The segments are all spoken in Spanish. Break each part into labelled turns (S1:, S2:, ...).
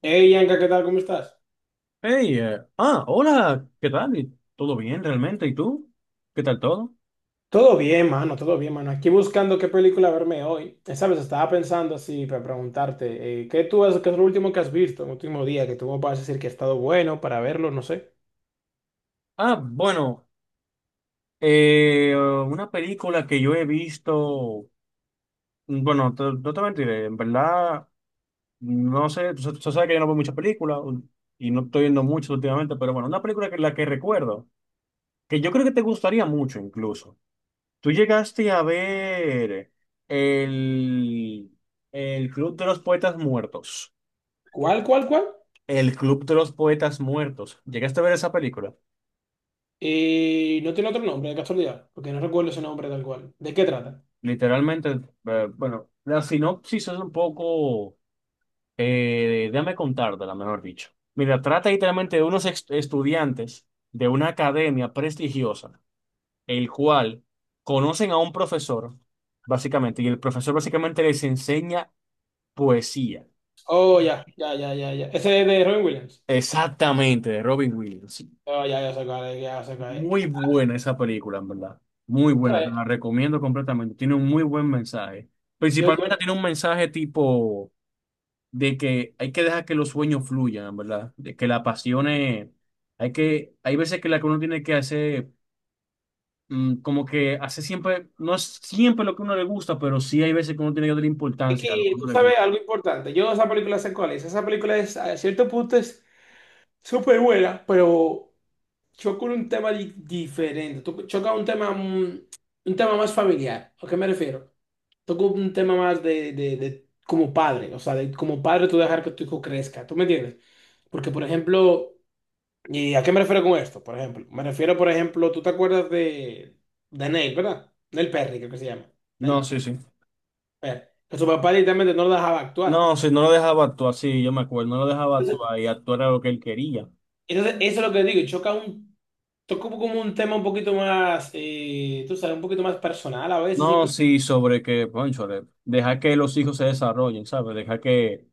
S1: Hey, Yanka, ¿qué tal? ¿Cómo estás?
S2: Hey, hola, ¿qué tal? ¿Todo bien realmente? ¿Y tú? ¿Qué tal todo?
S1: Todo bien, mano, todo bien, mano. Aquí buscando qué película verme hoy. ¿Sabes? Estaba pensando así para preguntarte, qué es lo último que has visto, el último día, que tú me puedas decir que ha estado bueno para verlo, no sé.
S2: Ah, bueno, una película que yo he visto, bueno, no te mentiré, en verdad, no sé, tú sabes que yo no veo muchas películas y no estoy viendo mucho últimamente, pero bueno, una película que la que recuerdo, que yo creo que te gustaría mucho incluso. Tú llegaste a ver el, el Club de los Poetas Muertos.
S1: ¿Cuál, cuál, cuál?
S2: El Club de los Poetas Muertos. ¿Llegaste a ver esa película?
S1: No tiene otro nombre, de casualidad, porque no recuerdo ese nombre tal cual. ¿De qué trata?
S2: Literalmente, bueno, la sinopsis es un poco, déjame contártela, mejor dicho. Mira, trata literalmente de estudiantes de una academia prestigiosa, el cual conocen a un profesor, básicamente, y el profesor básicamente les enseña poesía.
S1: Oh, ya, ya, ya, ya, ya. Ese es de Robin Williams.
S2: Exactamente, de Robin Williams.
S1: Oh, ya, ya se cae, ya se cae.
S2: Muy buena esa película, en verdad. Muy buena, te
S1: ¿Sabes?
S2: la recomiendo completamente. Tiene un muy buen mensaje.
S1: Yo, yo,
S2: Principalmente tiene un mensaje tipo de que hay que dejar que los sueños fluyan, en verdad. De que las pasiones, hay veces que la que uno tiene que hacer, como que hace siempre, no es siempre lo que a uno le gusta, pero sí hay veces que uno tiene que darle
S1: es
S2: importancia a lo que a
S1: que tú
S2: uno le
S1: sabes
S2: gusta.
S1: algo importante. Yo esa película sé cuál es. Esa película es, a cierto punto, es súper buena, pero choca un tema diferente. Choca un tema, un tema más familiar. ¿A qué me refiero? Toco un tema más de, de como padre, o sea, de como padre tú dejar que tu hijo crezca. ¿Tú me entiendes? Porque, por ejemplo, ¿y a qué me refiero con esto? Por ejemplo, me refiero, por ejemplo, tú te acuerdas de Neil, ¿verdad? Neil Perry, creo que se llama.
S2: No,
S1: Neil
S2: sí, sí.
S1: Perry. Que su papá directamente no lo dejaba actuar.
S2: No, sí, no lo dejaba actuar, sí, yo me acuerdo, no lo dejaba
S1: Entonces,
S2: actuar y actuar era lo que él quería.
S1: eso es lo que digo, choca un toco como un tema un poquito más, tú sabes, un poquito más personal a veces,
S2: No,
S1: incluso.
S2: sí, sobre que, cónchale, deja que los hijos se desarrollen, ¿sabes? Deja que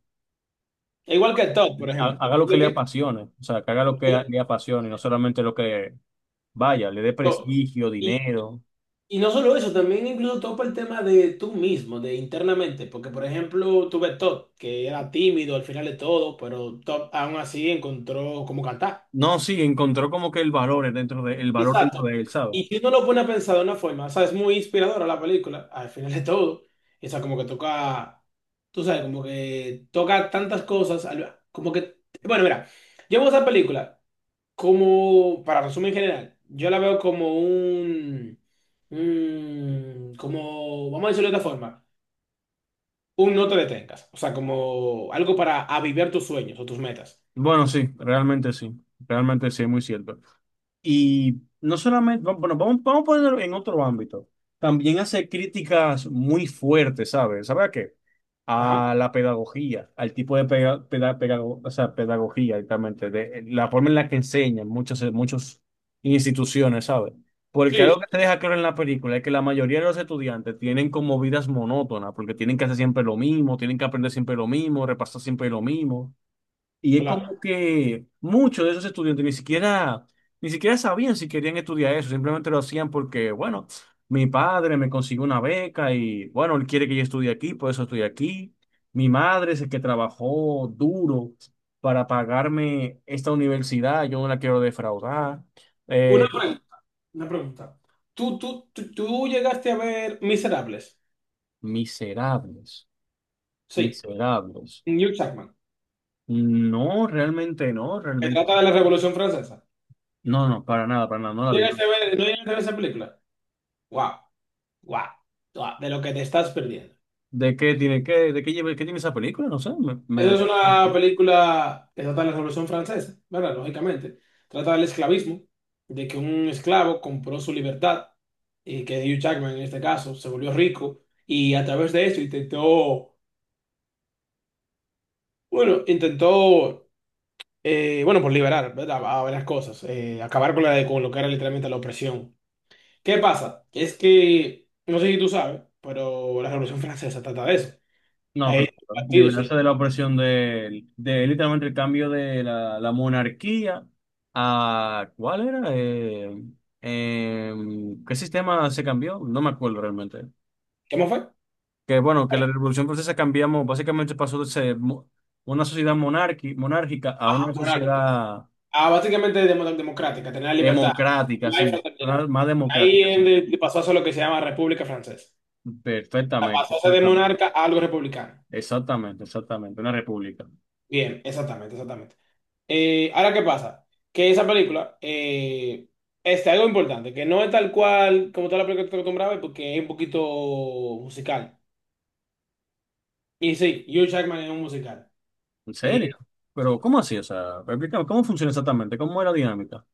S1: Igual que el top, por ejemplo.
S2: haga lo que
S1: Lo
S2: le
S1: que-
S2: apasione, o sea, que haga lo que le apasione, no solamente lo que le dé
S1: to-
S2: prestigio,
S1: Y,
S2: dinero.
S1: y no solo eso, también incluso topa el tema de tú mismo, de internamente, porque por ejemplo tuve top que era tímido al final de todo, pero top aún así encontró cómo cantar.
S2: No, sí, encontró como que el valor dentro de, el valor dentro
S1: Exacto.
S2: de él, ¿sabes?
S1: Y si uno lo pone a pensar de una forma, o sea, es muy inspiradora la película, al final de todo. O sea, como que toca, tú sabes, como que toca tantas cosas, como que, bueno, mira, yo veo esa película como, para resumir en general, yo la veo como como, vamos a decirlo de otra forma, un no te detengas, o sea, como algo para avivar tus sueños o tus metas.
S2: Bueno, sí, realmente sí, realmente sí, es muy cierto. Y no solamente, bueno, vamos a ponerlo en otro ámbito. También hace críticas muy fuertes, ¿sabes? ¿Sabes a qué?
S1: Ajá,
S2: A la pedagogía, al tipo de o sea, pedagogía, exactamente, de la forma en la que enseñan muchas, muchas instituciones, ¿sabes? Porque
S1: sí,
S2: algo
S1: sí,
S2: que te deja claro en la película es que la mayoría de los estudiantes tienen como vidas monótonas, porque tienen que hacer siempre lo mismo, tienen que aprender siempre lo mismo, repasar siempre lo mismo. Y es
S1: claro.
S2: como que muchos de esos estudiantes ni siquiera sabían si querían estudiar eso, simplemente lo hacían porque, bueno, mi padre me consiguió una beca y, bueno, él quiere que yo estudie aquí, por eso estoy aquí. Mi madre es el que trabajó duro para pagarme esta universidad, yo no la quiero defraudar.
S1: Una
S2: Eh,
S1: pregunta. Una pregunta. ¿Tú llegaste a ver Miserables?
S2: Miserables,
S1: Sí.
S2: miserables.
S1: Hugh Jackman.
S2: No, realmente no,
S1: Se
S2: realmente
S1: trata
S2: no.
S1: de la Revolución Francesa.
S2: No, no, para nada, no la vi.
S1: No llegaste a ver esa película? ¡Guau! ¡Guau! ¡Guau! De lo que te estás perdiendo.
S2: ¿De qué tiene, qué, de qué, lleva- qué tiene esa película? No sé.
S1: Esa es una película que trata de la Revolución Francesa, ¿verdad? Lógicamente. Trata del esclavismo, de que un esclavo compró su libertad y que Hugh Jackman en este caso se volvió rico y a través de eso intentó, bueno, por liberar, ¿verdad? A varias cosas. Acabar con con lo que era literalmente la opresión. ¿Qué pasa? Es que, no sé si tú sabes, pero la Revolución Francesa trata de eso.
S2: No,
S1: Hay
S2: claro.
S1: partidos, ¿sí?
S2: Liberarse de la opresión de literalmente el cambio de la monarquía a... ¿Cuál era? ¿Qué sistema se cambió? No me acuerdo realmente.
S1: ¿Cómo fue?
S2: Que bueno, que la Revolución Francesa cambiamos, básicamente pasó de ser una sociedad monárquica a
S1: Ajá,
S2: una
S1: moral, claro.
S2: sociedad
S1: Ah, básicamente democrática, tener la libertad.
S2: democrática,
S1: La
S2: sí.
S1: fraternidad.
S2: Más
S1: Ahí
S2: democrática, sí.
S1: él le pasó a ser lo que se llama República Francesa. O sea,
S2: Perfectamente,
S1: pasó a ser de
S2: exactamente.
S1: monarca a algo republicano.
S2: Exactamente, exactamente. Una república.
S1: Bien, exactamente, exactamente. Ahora, ¿qué pasa? Que esa película, este, algo importante, que no es tal cual como toda la película que te acostumbraba, a ver, porque es un poquito musical. Y sí, Hugh Jackman es un musical.
S2: ¿En
S1: Eh,
S2: serio? Pero, ¿cómo así? O sea, explícame, ¿cómo funciona exactamente? ¿Cómo era la dinámica?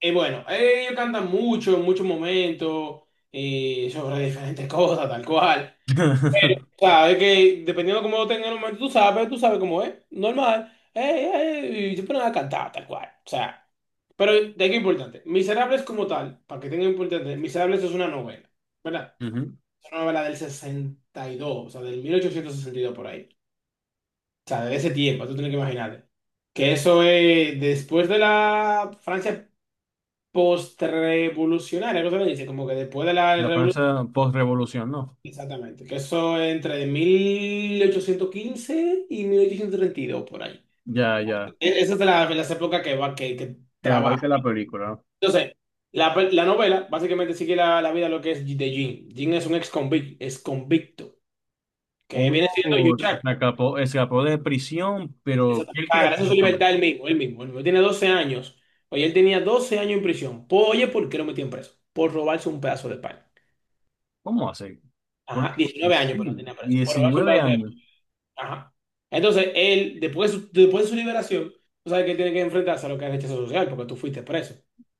S1: bueno, ellos cantan mucho en muchos momentos, sobre diferentes cosas, tal cual. Sea, es que dependiendo de cómo lo tengas en el momento, tú sabes cómo es, normal. Y yo pongo a cantar, tal cual. O sea, pero de qué importante. Miserables como tal, para que tenga importante, Miserables es una novela, ¿verdad?
S2: Ujú.
S1: Es una novela del 62, o sea, del 1862 por ahí. O sea, de ese tiempo, tú tienes que imaginarte. Que eso es después de la Francia postrevolucionaria, ¿cómo se le dice? Como que después de la
S2: La
S1: revolución.
S2: Francia post-revolución, ¿no?
S1: Exactamente, que eso es entre 1815 y 1832 por ahí.
S2: Ya, ya.
S1: Esa es las épocas que
S2: Que
S1: trabaja.
S2: abarca la película.
S1: Entonces, la novela básicamente sigue la vida de lo que es de Jin Jin. Es un ex convicto, que
S2: Uno
S1: viene siendo Yuchak.
S2: se escapó, escapó de prisión, pero ¿qué
S1: Exactamente.
S2: él
S1: Ah,
S2: quiere hacer
S1: gracias a su
S2: exactamente?
S1: libertad él mismo, él mismo. Él mismo. Tiene 12 años. Oye, él tenía 12 años en prisión. Oye, ¿por qué lo metían preso? Por robarse un pedazo de pan.
S2: ¿Cómo hace?
S1: Ajá,
S2: Porque
S1: 19 años, pero
S2: sí,
S1: tenía preso. Por robarse un
S2: 19
S1: pedazo de...
S2: años.
S1: Ajá. Entonces, él, después de su liberación, tú sabes que él tiene que enfrentarse a lo que es rechazo social, porque tú fuiste preso.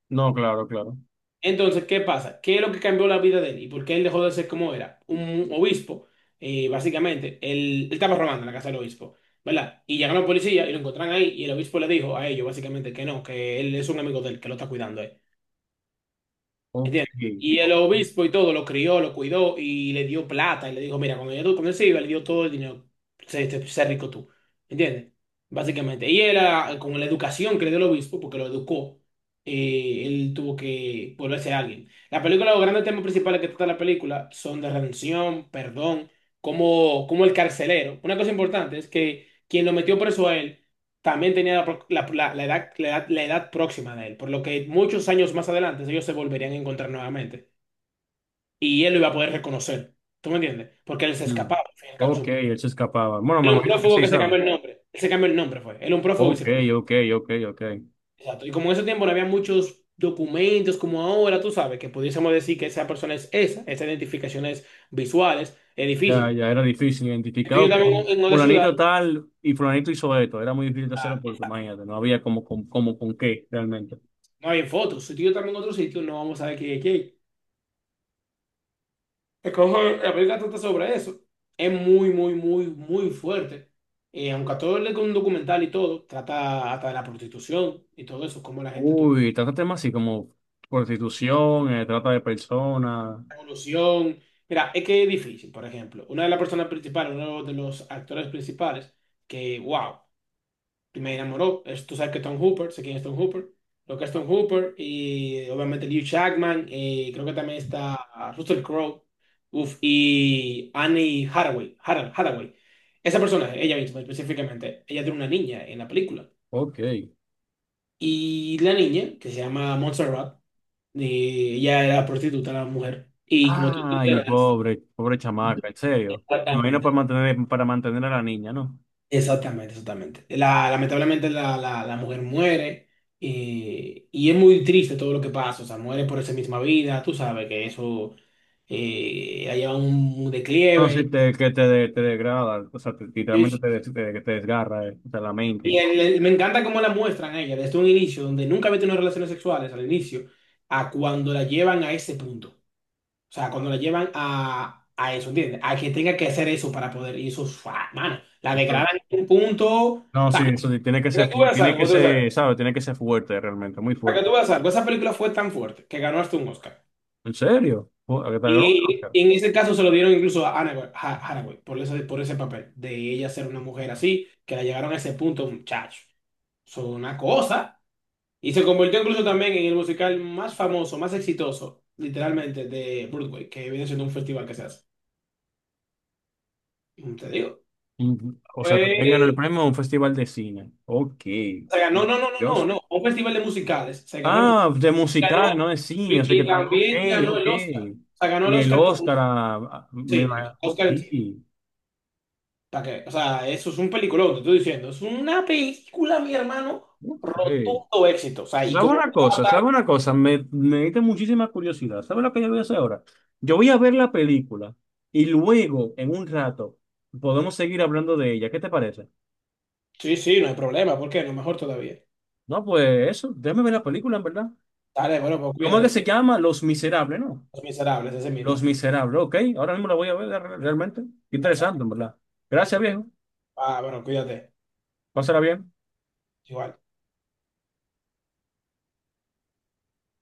S2: No, claro, claro.
S1: Entonces, ¿qué pasa? ¿Qué es lo que cambió la vida de él? ¿Y por qué él dejó de ser como era? Un obispo, básicamente, él estaba robando en la casa del obispo, ¿verdad? Y llegaron los policías y lo encontraron ahí, y el obispo le dijo a ellos, básicamente, que no, que él es un amigo de él, que lo está cuidando.
S2: Ok.
S1: ¿Entiendes? Y el obispo y todo lo crió, lo cuidó y le dio plata. Y le dijo, mira, cuando él se iba, le dio todo el dinero. Sé rico tú. ¿Entiendes? Básicamente. Y él, con la educación que le dio el obispo, porque lo educó, él tuvo que volverse alguien. La película, los grandes temas principales que trata la película son de redención, perdón, como el carcelero. Una cosa importante es que quien lo metió preso a él también tenía la edad próxima de él, por lo que muchos años más adelante ellos se volverían a encontrar nuevamente y él lo iba a poder reconocer. ¿Tú me entiendes? Porque él se
S2: Mm.
S1: escapaba. Al fin y al cabo,
S2: Ok, él se escapaba. Bueno,
S1: él
S2: me
S1: era un
S2: imagino que
S1: prófugo
S2: sí,
S1: que se cambió
S2: ¿sabes?
S1: el nombre. Él se cambió el nombre, fue. Él era un prófugo y
S2: Ok,
S1: se...
S2: ok, ok, ok.
S1: Exacto. Y como en ese tiempo no había muchos documentos como ahora, tú sabes, que pudiésemos decir que esa persona es esa, esas identificaciones visuales, es
S2: Ya,
S1: difícil.
S2: ya era difícil
S1: Entonces
S2: identificar,
S1: yo
S2: que
S1: también en otra ciudad
S2: fulanito tal y fulanito hizo esto. Era muy difícil de hacerlo porque, imagínate, no había como, como con qué realmente.
S1: no había fotos. Si tú y yo también en otro sitio no vamos a ver quién. Es que ojo, la película trata sobre eso. Es muy, muy, muy, muy fuerte. Aunque a todo le con un documental y todo, trata hasta de la prostitución y todo eso, cómo la gente tuvo
S2: Uy, trata temas así como prostitución, trata de personas.
S1: la evolución. Mira, es que es difícil, por ejemplo. Una de las personas principales, uno de los actores principales, que, wow. Y me enamoró. Tú sabes que Tom Hooper, sé quién es Tom Hooper, lo que es Tom Hooper, y obviamente Liu Chapman, y creo que también está, Russell Crowe, uf, y Annie Hathaway. Esa personaje, ella misma específicamente, ella tiene una niña en la película.
S2: Ok.
S1: Y la niña, que se llama Montserrat, y ella era prostituta, la mujer. Y como tú te
S2: Ay,
S1: enteras.
S2: pobre, pobre chamaca, en serio. Me imagino
S1: Exactamente.
S2: para mantener a la niña, ¿no?
S1: Exactamente, exactamente. Lamentablemente la mujer muere, y es muy triste todo lo que pasa, o sea, muere por esa misma vida, tú sabes que eso, ha llevado un
S2: No, sí,
S1: declive.
S2: te degrada, o sea, literalmente
S1: Es-
S2: te desgarra, o sea, la mente y todo.
S1: Me encanta cómo la muestran a ella desde un inicio, donde nunca había tenido relaciones sexuales al inicio, a cuando la llevan a ese punto. O sea, cuando la llevan a eso, ¿entiendes? A que tenga que hacer eso para poder, y eso, ¡fua! Mano, la degradan
S2: Entonces,
S1: en un punto. O
S2: no,
S1: sea,
S2: sí, eso sí,
S1: que tú veas
S2: tiene que
S1: algo, ¿no?
S2: ser, ¿sabes? Tiene que ser fuerte, realmente, muy
S1: Para que
S2: fuerte.
S1: tú veas algo, esa película fue tan fuerte que ganó hasta un Oscar.
S2: ¿En serio? Oh, ¿a qué tal? No,
S1: Y,
S2: no,
S1: y en ese caso se lo dieron incluso a Anne Hathaway, por ese papel, de ella ser una mujer así, que la llegaron a ese punto, muchacho. Son una cosa. Y se convirtió incluso también en el musical más famoso, más exitoso, literalmente, de Broadway, que viene siendo un festival que se hace. Te digo.
S2: no. O sea, también ganó el
S1: Fue
S2: premio a un festival de cine. Ok.
S1: Se ganó, no, no, no,
S2: Dios.
S1: no, no, un festival de musicales. Se ganó
S2: Ah, de
S1: ganó,
S2: musical, no de cine. O sea que
S1: y
S2: tal. Ok,
S1: también ganó
S2: ok.
S1: el Oscar. O sea, ganó el
S2: Y el
S1: Oscar, como
S2: Oscar,
S1: sí,
S2: me
S1: el
S2: va. Ok.
S1: Oscar en cine. ¿Para qué? O sea, eso es un peliculón, te estoy diciendo. Es una película, mi hermano,
S2: Ok.
S1: rotundo éxito. O sea, y
S2: ¿Sabe
S1: como
S2: una cosa? ¿Sabe
S1: trata.
S2: una cosa? Me diste muchísima curiosidad. ¿Sabe lo que yo voy a hacer ahora? Yo voy a ver la película y luego, en un rato, podemos seguir hablando de ella. ¿Qué te parece?
S1: Sí, sí, no hay problema. ¿Por qué? No, mejor todavía.
S2: No, pues eso. Déjame ver la película, en verdad.
S1: Dale, bueno, pues
S2: ¿Cómo es que
S1: cuídate.
S2: se llama? Los Miserables, ¿no?
S1: Los Miserables, ese
S2: Los
S1: mismo.
S2: Miserables, ok. Ahora mismo la voy a ver realmente.
S1: Perfecto,
S2: Interesante, en verdad. Gracias,
S1: perfecto.
S2: viejo.
S1: Ah, bueno, cuídate.
S2: Pásala bien.
S1: Igual.